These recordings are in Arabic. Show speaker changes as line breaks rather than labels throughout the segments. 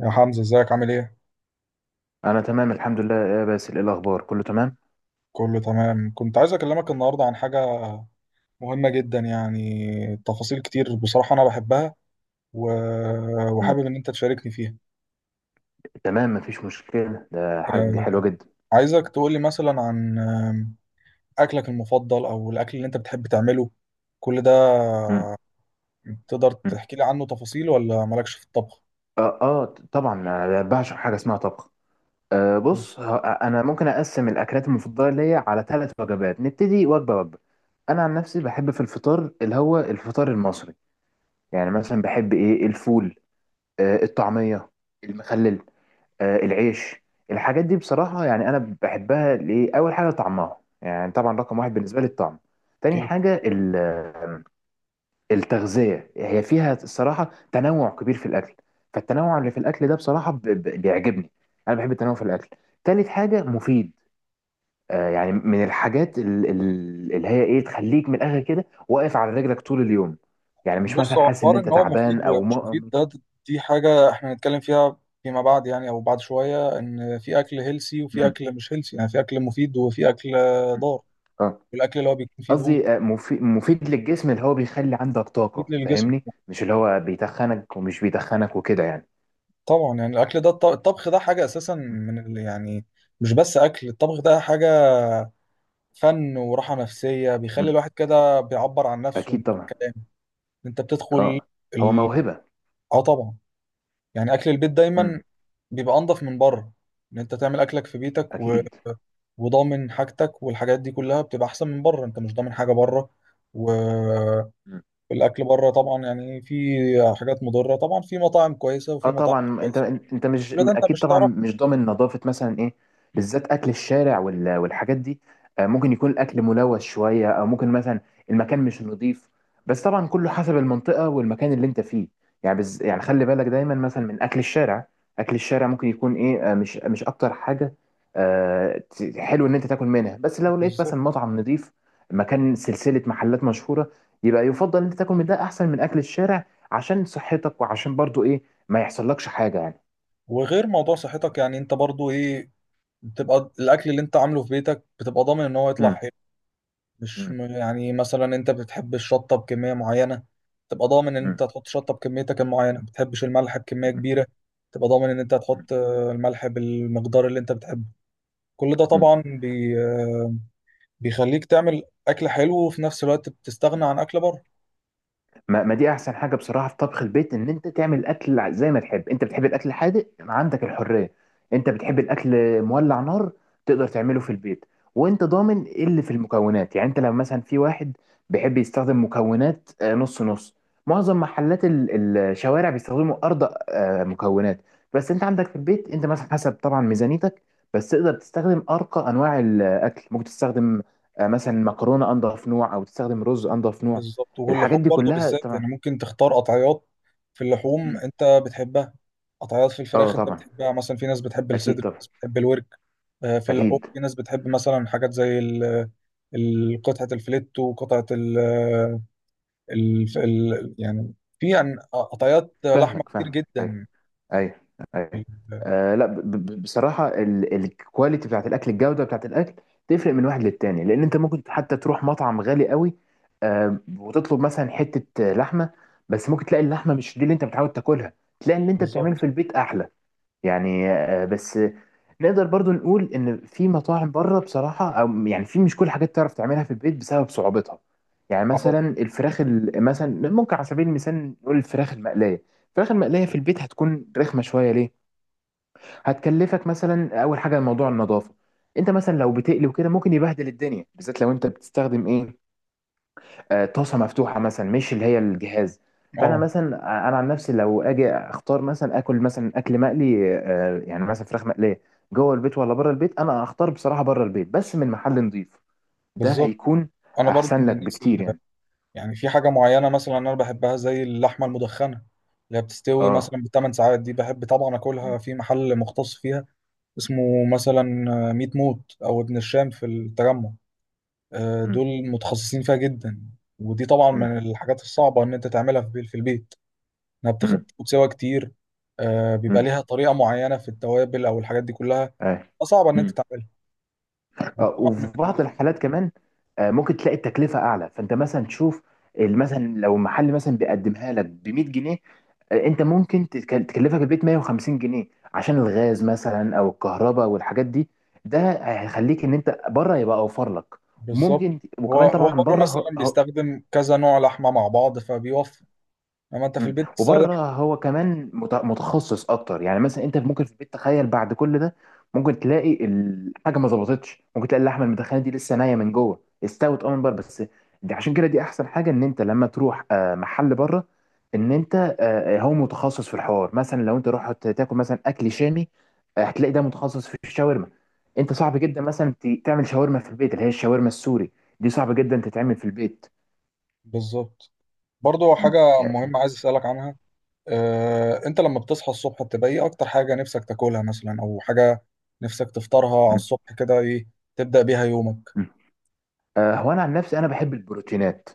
يا حمزة، ازيك عامل ايه؟
انا تمام الحمد لله يا باسل، ايه الاخبار؟ كله تمام.
كله تمام. كنت عايز اكلمك النهاردة عن حاجة مهمة جدا، يعني تفاصيل كتير، بصراحة انا بحبها و...
مم.
وحابب ان انت تشاركني فيها.
تمام، مفيش مشكله. ده حاجه، دي
آه،
حلوه جدا.
عايزك تقولي مثلا عن اكلك المفضل او الاكل اللي انت بتحب تعمله، كل ده
مم.
تقدر
مم.
تحكي لي عنه تفاصيل ولا مالكش في الطبخ؟
طبعا انا بعشق حاجه اسمها طبخ. بص، انا ممكن اقسم الاكلات المفضله ليا على 3 وجبات. نبتدي وجبه. انا عن نفسي بحب في الفطار اللي هو الفطار المصري. مثلا بحب الفول، الطعميه، المخلل، العيش. الحاجات دي بصراحة أنا بحبها. ليه؟ أول حاجة طعمها، طبعا رقم واحد بالنسبة لي الطعم. تاني حاجة التغذية، هي فيها الصراحة تنوع كبير في الأكل. فالتنوع اللي في الأكل ده بصراحة بيعجبني، أنا بحب التنوع في الأكل. تالت حاجة مفيد. من الحاجات اللي هي إيه، تخليك من الآخر كده واقف على رجلك طول اليوم. مش
بص،
مثلا
هو
حاسس إن
حوار
أنت
ان هو مفيد
تعبان أو
ومش مفيد ده، دي حاجه احنا هنتكلم فيها فيما بعد، يعني او بعد شويه. ان في اكل هيلسي وفي
م-
اكل مش هيلسي، يعني في اكل مفيد وفي اكل ضار.
آه.
الاكل اللي هو بيكون فيه دهون
قصدي مفيد للجسم، اللي هو بيخلي عندك
مفيد
طاقة.
للجسم.
فاهمني؟ مش اللي هو بيتخنك، ومش بيتخنك وكده يعني.
طبعا يعني الاكل ده الطبخ ده حاجه اساسا من يعني، مش بس اكل. الطبخ ده حاجه فن وراحه نفسيه، بيخلي
مم.
الواحد كده بيعبر عن نفسه من
أكيد طبعا.
الكلام. انت بتدخل
اه، هو
ال...
موهبة.
اه طبعا. يعني اكل البيت
مم.
دايما بيبقى انضف من بره، ان انت تعمل اكلك في بيتك
أكيد.
وضامن حاجتك، والحاجات دي كلها بتبقى احسن من بره. انت مش ضامن حاجه بره. والاكل بره طبعا يعني في حاجات مضره. طبعا في مطاعم كويسه
اه
وفي مطاعم مش
طبعا. انت،
كويسه،
انت مش،
كل ده انت
اكيد
مش
طبعا
تعرف.
مش ضامن نظافه مثلا، ايه، بالذات اكل الشارع والحاجات دي. ممكن يكون الاكل ملوث شويه، او ممكن مثلا المكان مش نظيف. بس طبعا كله حسب المنطقه والمكان اللي انت فيه. يعني خلي بالك دايما مثلا من اكل الشارع. اكل الشارع ممكن يكون ايه آه، مش مش اكتر حاجه. حلو ان انت تاكل منها، بس لو لقيت
بالظبط.
مثلا مطعم نظيف، مكان، سلسله محلات مشهوره، يبقى يفضل ان انت تاكل من ده احسن من اكل الشارع، عشان صحتك وعشان برضو ايه، ما يحصلكش حاجة يعني.
وغير موضوع صحتك، يعني انت برضو ايه، بتبقى الاكل اللي انت عامله في بيتك بتبقى ضامن ان هو يطلع
مم.
حلو، مش
مم.
يعني مثلا انت بتحب الشطه بكميه معينه، تبقى ضامن ان
مم.
انت هتحط شطه بكميتك المعينه. ما بتحبش الملح بكميه
مم.
كبيره، تبقى ضامن ان انت هتحط الملح بالمقدار اللي انت بتحبه. كل ده
مم.
طبعا بي آه، بيخليك تعمل اكل حلو، وفي نفس الوقت بتستغنى
مم.
عن اكل بره.
ما, ما دي احسن حاجه بصراحه في طبخ البيت، ان انت تعمل الاكل زي ما تحب. انت بتحب الاكل الحادق، عندك الحريه. انت بتحب الاكل مولع نار، تقدر تعمله في البيت. وانت ضامن ايه اللي في المكونات. يعني انت لما مثلا، في واحد بيحب يستخدم مكونات نص نص. معظم محلات الشوارع بيستخدموا ارض، مكونات. بس انت عندك في البيت، انت مثلا حسب طبعا ميزانيتك، بس تقدر تستخدم ارقى انواع الاكل. ممكن تستخدم مثلا مكرونه انضف نوع، او تستخدم رز انضف نوع.
بالظبط، واللحوم
الحاجات دي
برضو
كلها
بالذات،
طبعا.
يعني ممكن تختار قطعيات في اللحوم
مم.
انت بتحبها، قطعيات في
اه
الفراخ انت
طبعا،
بتحبها. مثلا في ناس بتحب الصدر،
اكيد
في
طبعا.
ناس بتحب الورك. في اللحوم
اكيد.
في ناس بتحب مثلا حاجات زي قطعة الفليت، وقطعة يعني، في قطعيات لحمة
فاهمك
كتير
فاهمك ايوه.
جدا.
ايوه. ايوه. آه لا، ب ب بصراحه الكواليتي بتاعت الاكل، الجوده بتاعت الاكل تفرق من واحد للتاني. لان انت ممكن حتى تروح مطعم غالي قوي، آه، وتطلب مثلا حته لحمه، بس ممكن تلاقي اللحمه مش دي اللي انت متعود تاكلها. تلاقي اللي انت
بالظبط.
بتعمله في البيت احلى. يعني بس نقدر برضو نقول ان في مطاعم بره بصراحه، او يعني في، مش كل حاجات تعرف تعملها في البيت بسبب صعوبتها. يعني
اه
مثلا الفراخ مثلا ممكن، على سبيل المثال نقول الفراخ المقليه. الفراخ المقليه في البيت هتكون رخمه شويه. ليه؟ هتكلفك مثلا، اول حاجه موضوع النظافه. انت مثلا لو بتقلي وكده، ممكن يبهدل الدنيا، بالذات لو انت بتستخدم ايه، طاسه مفتوحه مثلا، مش اللي هي الجهاز. فانا
آه،
مثلا انا عن نفسي لو اجي اختار مثلا اكل، مثلا اكل مقلي، مثلا فراخ مقليه، جوه البيت ولا بره البيت، انا اختار بصراحه بره البيت، بس من محل نظيف. ده
بالظبط،
هيكون
انا برضو
احسن
من
لك
الناس،
بكتير يعني.
يعني في حاجة معينة مثلا أنا بحبها زي اللحمة المدخنة، اللي هي بتستوي
اه.
مثلا ب 8 ساعات. دي بحب طبعا
م-
أكلها في محل مختص فيها، اسمه مثلا ميت موت أو ابن الشام في التجمع.
م-
دول متخصصين فيها جدا، ودي طبعا
م-
من الحاجات الصعبة إن أنت تعملها في في البيت. إنها بتاخد
م-
بتاخد سوا كتير. بيبقى
م-
ليها طريقة معينة في التوابل أو الحاجات دي كلها،
آه.
صعبة إن أنت تعملها. وطبعا
وفي بعض الحالات كمان ممكن تلاقي التكلفة أعلى. فأنت مثلا تشوف، مثلا لو محل مثلا بيقدمها لك ب 100 جنيه، أنت ممكن تكلفك البيت 150 جنيه، عشان الغاز مثلا أو الكهرباء والحاجات دي. ده هيخليك إن أنت بره يبقى أوفر لك.
بالظبط.
وممكن
هو
وكمان
هو
طبعا
بره مثلا
بره.
بيستخدم كذا نوع لحمة مع بعض، فبيوفر. لما انت في البيت بتستخدم.
وبره هو كمان متخصص اكتر. يعني مثلا انت ممكن في البيت، تخيل بعد كل ده ممكن تلاقي الحاجه ما ظبطتش، ممكن تلاقي اللحمه المدخنه دي لسه نيه من جوه، استوت اه من بره بس. دي عشان كده دي احسن حاجه، ان انت لما تروح محل بره، ان انت هو متخصص في الحوار. مثلا لو انت رحت تاكل مثلا اكل شامي، هتلاقي ده متخصص في الشاورما. انت صعب جدا مثلا تعمل شاورما في البيت، اللي هي الشاورما السوري، دي صعب جدا تتعمل في البيت.
بالظبط. برضو
مم.
حاجة
يعني-
مهمة عايز اسألك عنها. اه، انت لما بتصحى الصبح، بتبقى ايه اكتر حاجة نفسك تاكلها مثلا، او حاجة نفسك تفطرها على
مم.
الصبح كده، ايه تبدأ بيها يومك؟
هو انا عن نفسي انا بحب البروتينات.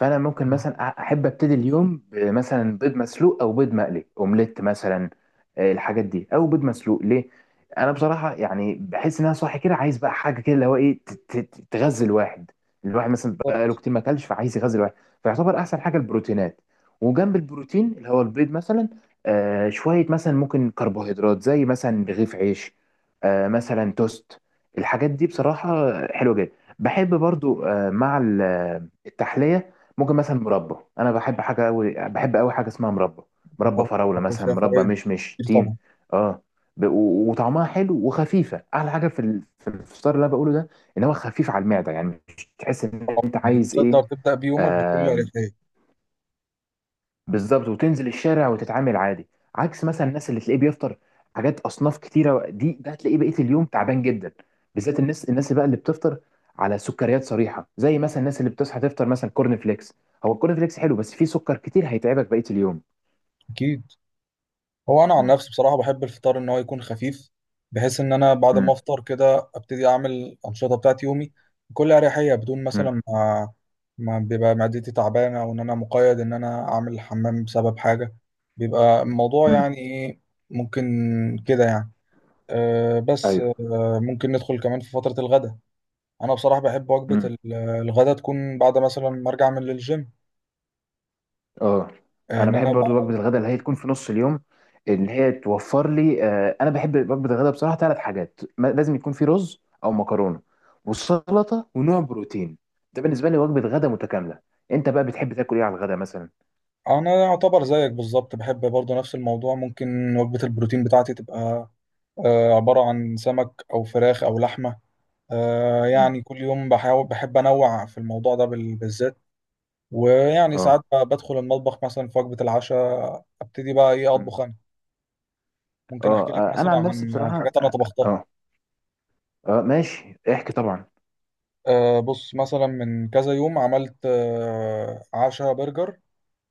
فانا ممكن مثلا احب ابتدي اليوم مثلا بيض مسلوق او بيض مقلي، اومليت مثلا. الحاجات دي، او بيض مسلوق. ليه؟ انا بصراحه يعني بحس ان انا صاحي كده عايز بقى حاجه كده اللي هو ايه، تغذي الواحد. الواحد مثلا بقاله
بالظبط.
كتير ما اكلش، فعايز يغذي الواحد. فيعتبر احسن حاجه البروتينات. وجنب البروتين اللي هو البيض مثلا، شويه مثلا ممكن كربوهيدرات زي مثلا رغيف عيش، مثلا توست. الحاجات دي بصراحه حلوه جدا. بحب برضو مع التحلية، ممكن مثلا مربى. انا بحب حاجة قوي، بحب قوي حاجة اسمها مربى. مربى
طبعا
فراولة
باكل
مثلا،
فيها
مربى
فوائد
مشمش،
كتير
تين.
طبعا.
اه، وطعمها حلو وخفيفة. احلى حاجة في الفطار اللي انا بقوله ده، ان هو خفيف على المعدة. يعني مش تحس ان
طبعا
انت
يعني
عايز ايه.
تقدر تبدأ بيومك بكل اريحية.
بالظبط، وتنزل الشارع وتتعامل عادي. عكس مثلا الناس اللي تلاقيه بيفطر حاجات اصناف كتيره، دي ده هتلاقيه بقيه اليوم تعبان جدا. بالذات الناس، الناس بقى اللي بتفطر على سكريات صريحه، زي مثلا الناس اللي بتصحى تفطر مثلا كورن فليكس. هو الكورن فليكس حلو، بس فيه سكر كتير هيتعبك بقيه اليوم.
اكيد. هو انا عن
مم.
نفسي بصراحه بحب الفطار ان هو يكون خفيف، بحيث ان انا بعد ما
مم.
افطر كده ابتدي اعمل الانشطه بتاعت يومي بكل اريحيه، بدون
مم.
مثلا ما بيبقى معدتي تعبانه، او ان انا مقيد ان انا اعمل الحمام بسبب حاجه. بيبقى الموضوع
مم.
يعني ايه، ممكن كده يعني. أه، بس
ايوه.
ممكن ندخل كمان في فتره الغداء. انا بصراحه بحب وجبه
مم.
الغداء تكون بعد مثلا ما ارجع من الجيم.
اه،
آه،
انا
ان
بحب
انا
برضو وجبه الغداء اللي هي تكون في نص اليوم، ان هي توفر لي انا بحب وجبه الغداء بصراحه 3 حاجات، لازم يكون في رز او مكرونه، والسلطه، ونوع بروتين. ده بالنسبه لي وجبه غداء متكامله. انت بقى بتحب تاكل ايه على الغداء مثلا؟
انا يعتبر زيك بالظبط، بحب برضه نفس الموضوع. ممكن وجبة البروتين بتاعتي تبقى عبارة عن سمك او فراخ او لحمة.
مم.
يعني كل يوم بحاول، بحب انوع في الموضوع ده بالذات. ويعني ساعات
اه.
بدخل المطبخ مثلا في وجبة العشاء، ابتدي بقى ايه
مم.
اطبخ انا.
اه.
ممكن احكي لك
انا
مثلا
عن نفسي
عن
بصراحه
حاجات انا
اه.
طبختها.
اه. ماشي، احكي طبعا.
بص، مثلا من كذا يوم عملت عشاء برجر.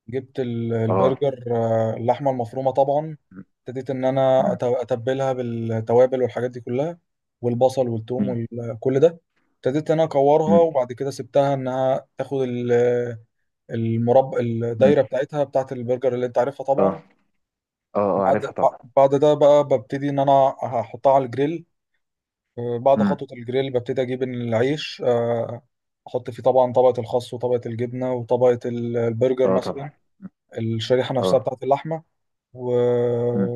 جبت
اه.
البرجر، اللحمه المفرومه طبعا.
مم.
ابتديت ان انا
مم.
اتبلها بالتوابل والحاجات دي كلها، والبصل والثوم
مم.
وكل ده. ابتديت ان انا اكورها،
مم.
وبعد كده سبتها انها تاخد المربع
مم.
الدايره بتاعتها بتاعت البرجر اللي انت عارفها
اه.
طبعا.
اه اه
بعد
عارفها طبعا.
بعد ده بقى ببتدي ان انا هحطها على الجريل. بعد
مم.
خطوه الجريل ببتدي اجيب العيش. احط فيه طبعا طبقه الخس وطبقه الجبنه وطبقه البرجر
اه طبعا.
مثلا،
مم.
الشريحه نفسها
اه.
بتاعت اللحمه. و...
مم.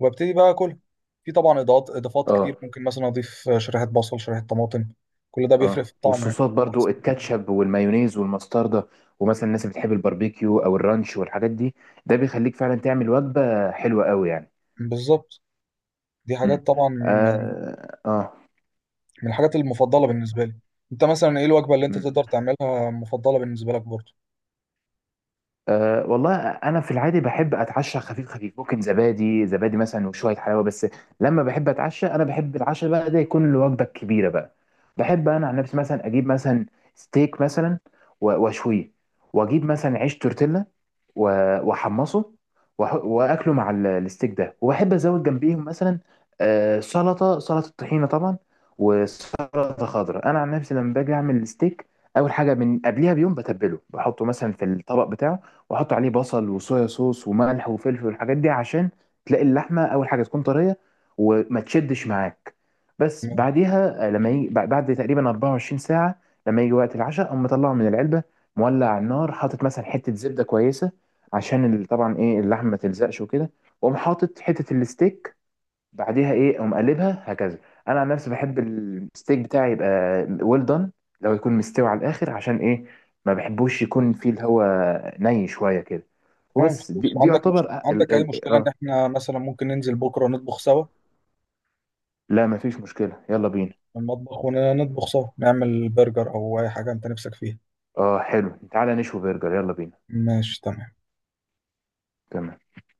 وابتدي بقى اكل. في طبعا اضافات كتير،
اه.
ممكن مثلا اضيف شريحه بصل، شريحه طماطم. كل ده بيفرق في
اه،
الطعم يعني.
والصوصات
على
برضو
حسب.
الكاتشب والمايونيز والمستردة، ومثلا الناس اللي بتحب الباربيكيو او الرانش والحاجات دي، ده بيخليك فعلا تعمل وجبة حلوة قوي يعني.
بالظبط. دي حاجات
مم.
طبعا، يعني
اه. اه.
من الحاجات المفضله بالنسبه لي. انت مثلا ايه الوجبه اللي انت
مم.
تقدر تعملها مفضله بالنسبه لك برضه؟
أه والله انا في العادي بحب اتعشى خفيف خفيف، ممكن زبادي، مثلا وشويه حلاوه بس. لما بحب اتعشى، انا بحب العشاء بقى ده يكون الوجبه الكبيره بقى. بحب انا عن نفسي مثلا اجيب مثلا ستيك مثلا، واشويه، واجيب مثلا عيش تورتيلا، و- واحمصه، واكله مع الستيك ده. وبحب ازود جنبيهم مثلا سلطه، سلطه طحينه طبعا، وسلطه خضراء. انا عن نفسي لما باجي اعمل الستيك، اول حاجه من قبلها بيوم بتبله، بحطه مثلا في الطبق بتاعه، واحط عليه بصل وصويا صوص وملح وفلفل والحاجات دي، عشان تلاقي اللحمه اول حاجه تكون طريه وما تشدش معاك. بس
تمام.
بعديها لما يجي بعد تقريبا 24 ساعه، لما يجي وقت العشاء، اقوم مطلعه من العلبه، مولع على النار، حاطط مثلا حته زبده كويسه عشان طبعا ايه، اللحمه ما تلزقش وكده. واقوم حاطط حته الستيك، بعديها ايه اقوم قلبها هكذا. انا عن نفسي بحب الستيك بتاعي يبقى ويل دان، لو يكون مستوي على الاخر، عشان ايه، ما بحبوش يكون فيه اللي هو ني شويه كده.
تمام،
وبس دي,
خلاص.
دي
عندك مش...
يعتبر أ- ال
عندك اي
ال
مشكله ان
اه
احنا مثلا ممكن ننزل بكره نطبخ سوا
لا مفيش مشكله، يلا بينا.
في المطبخ، ونطبخ سوا نعمل برجر او اي حاجه انت نفسك فيها؟
اه حلو، تعالى نشوي برجر، يلا بينا.
ماشي تمام.
تمام.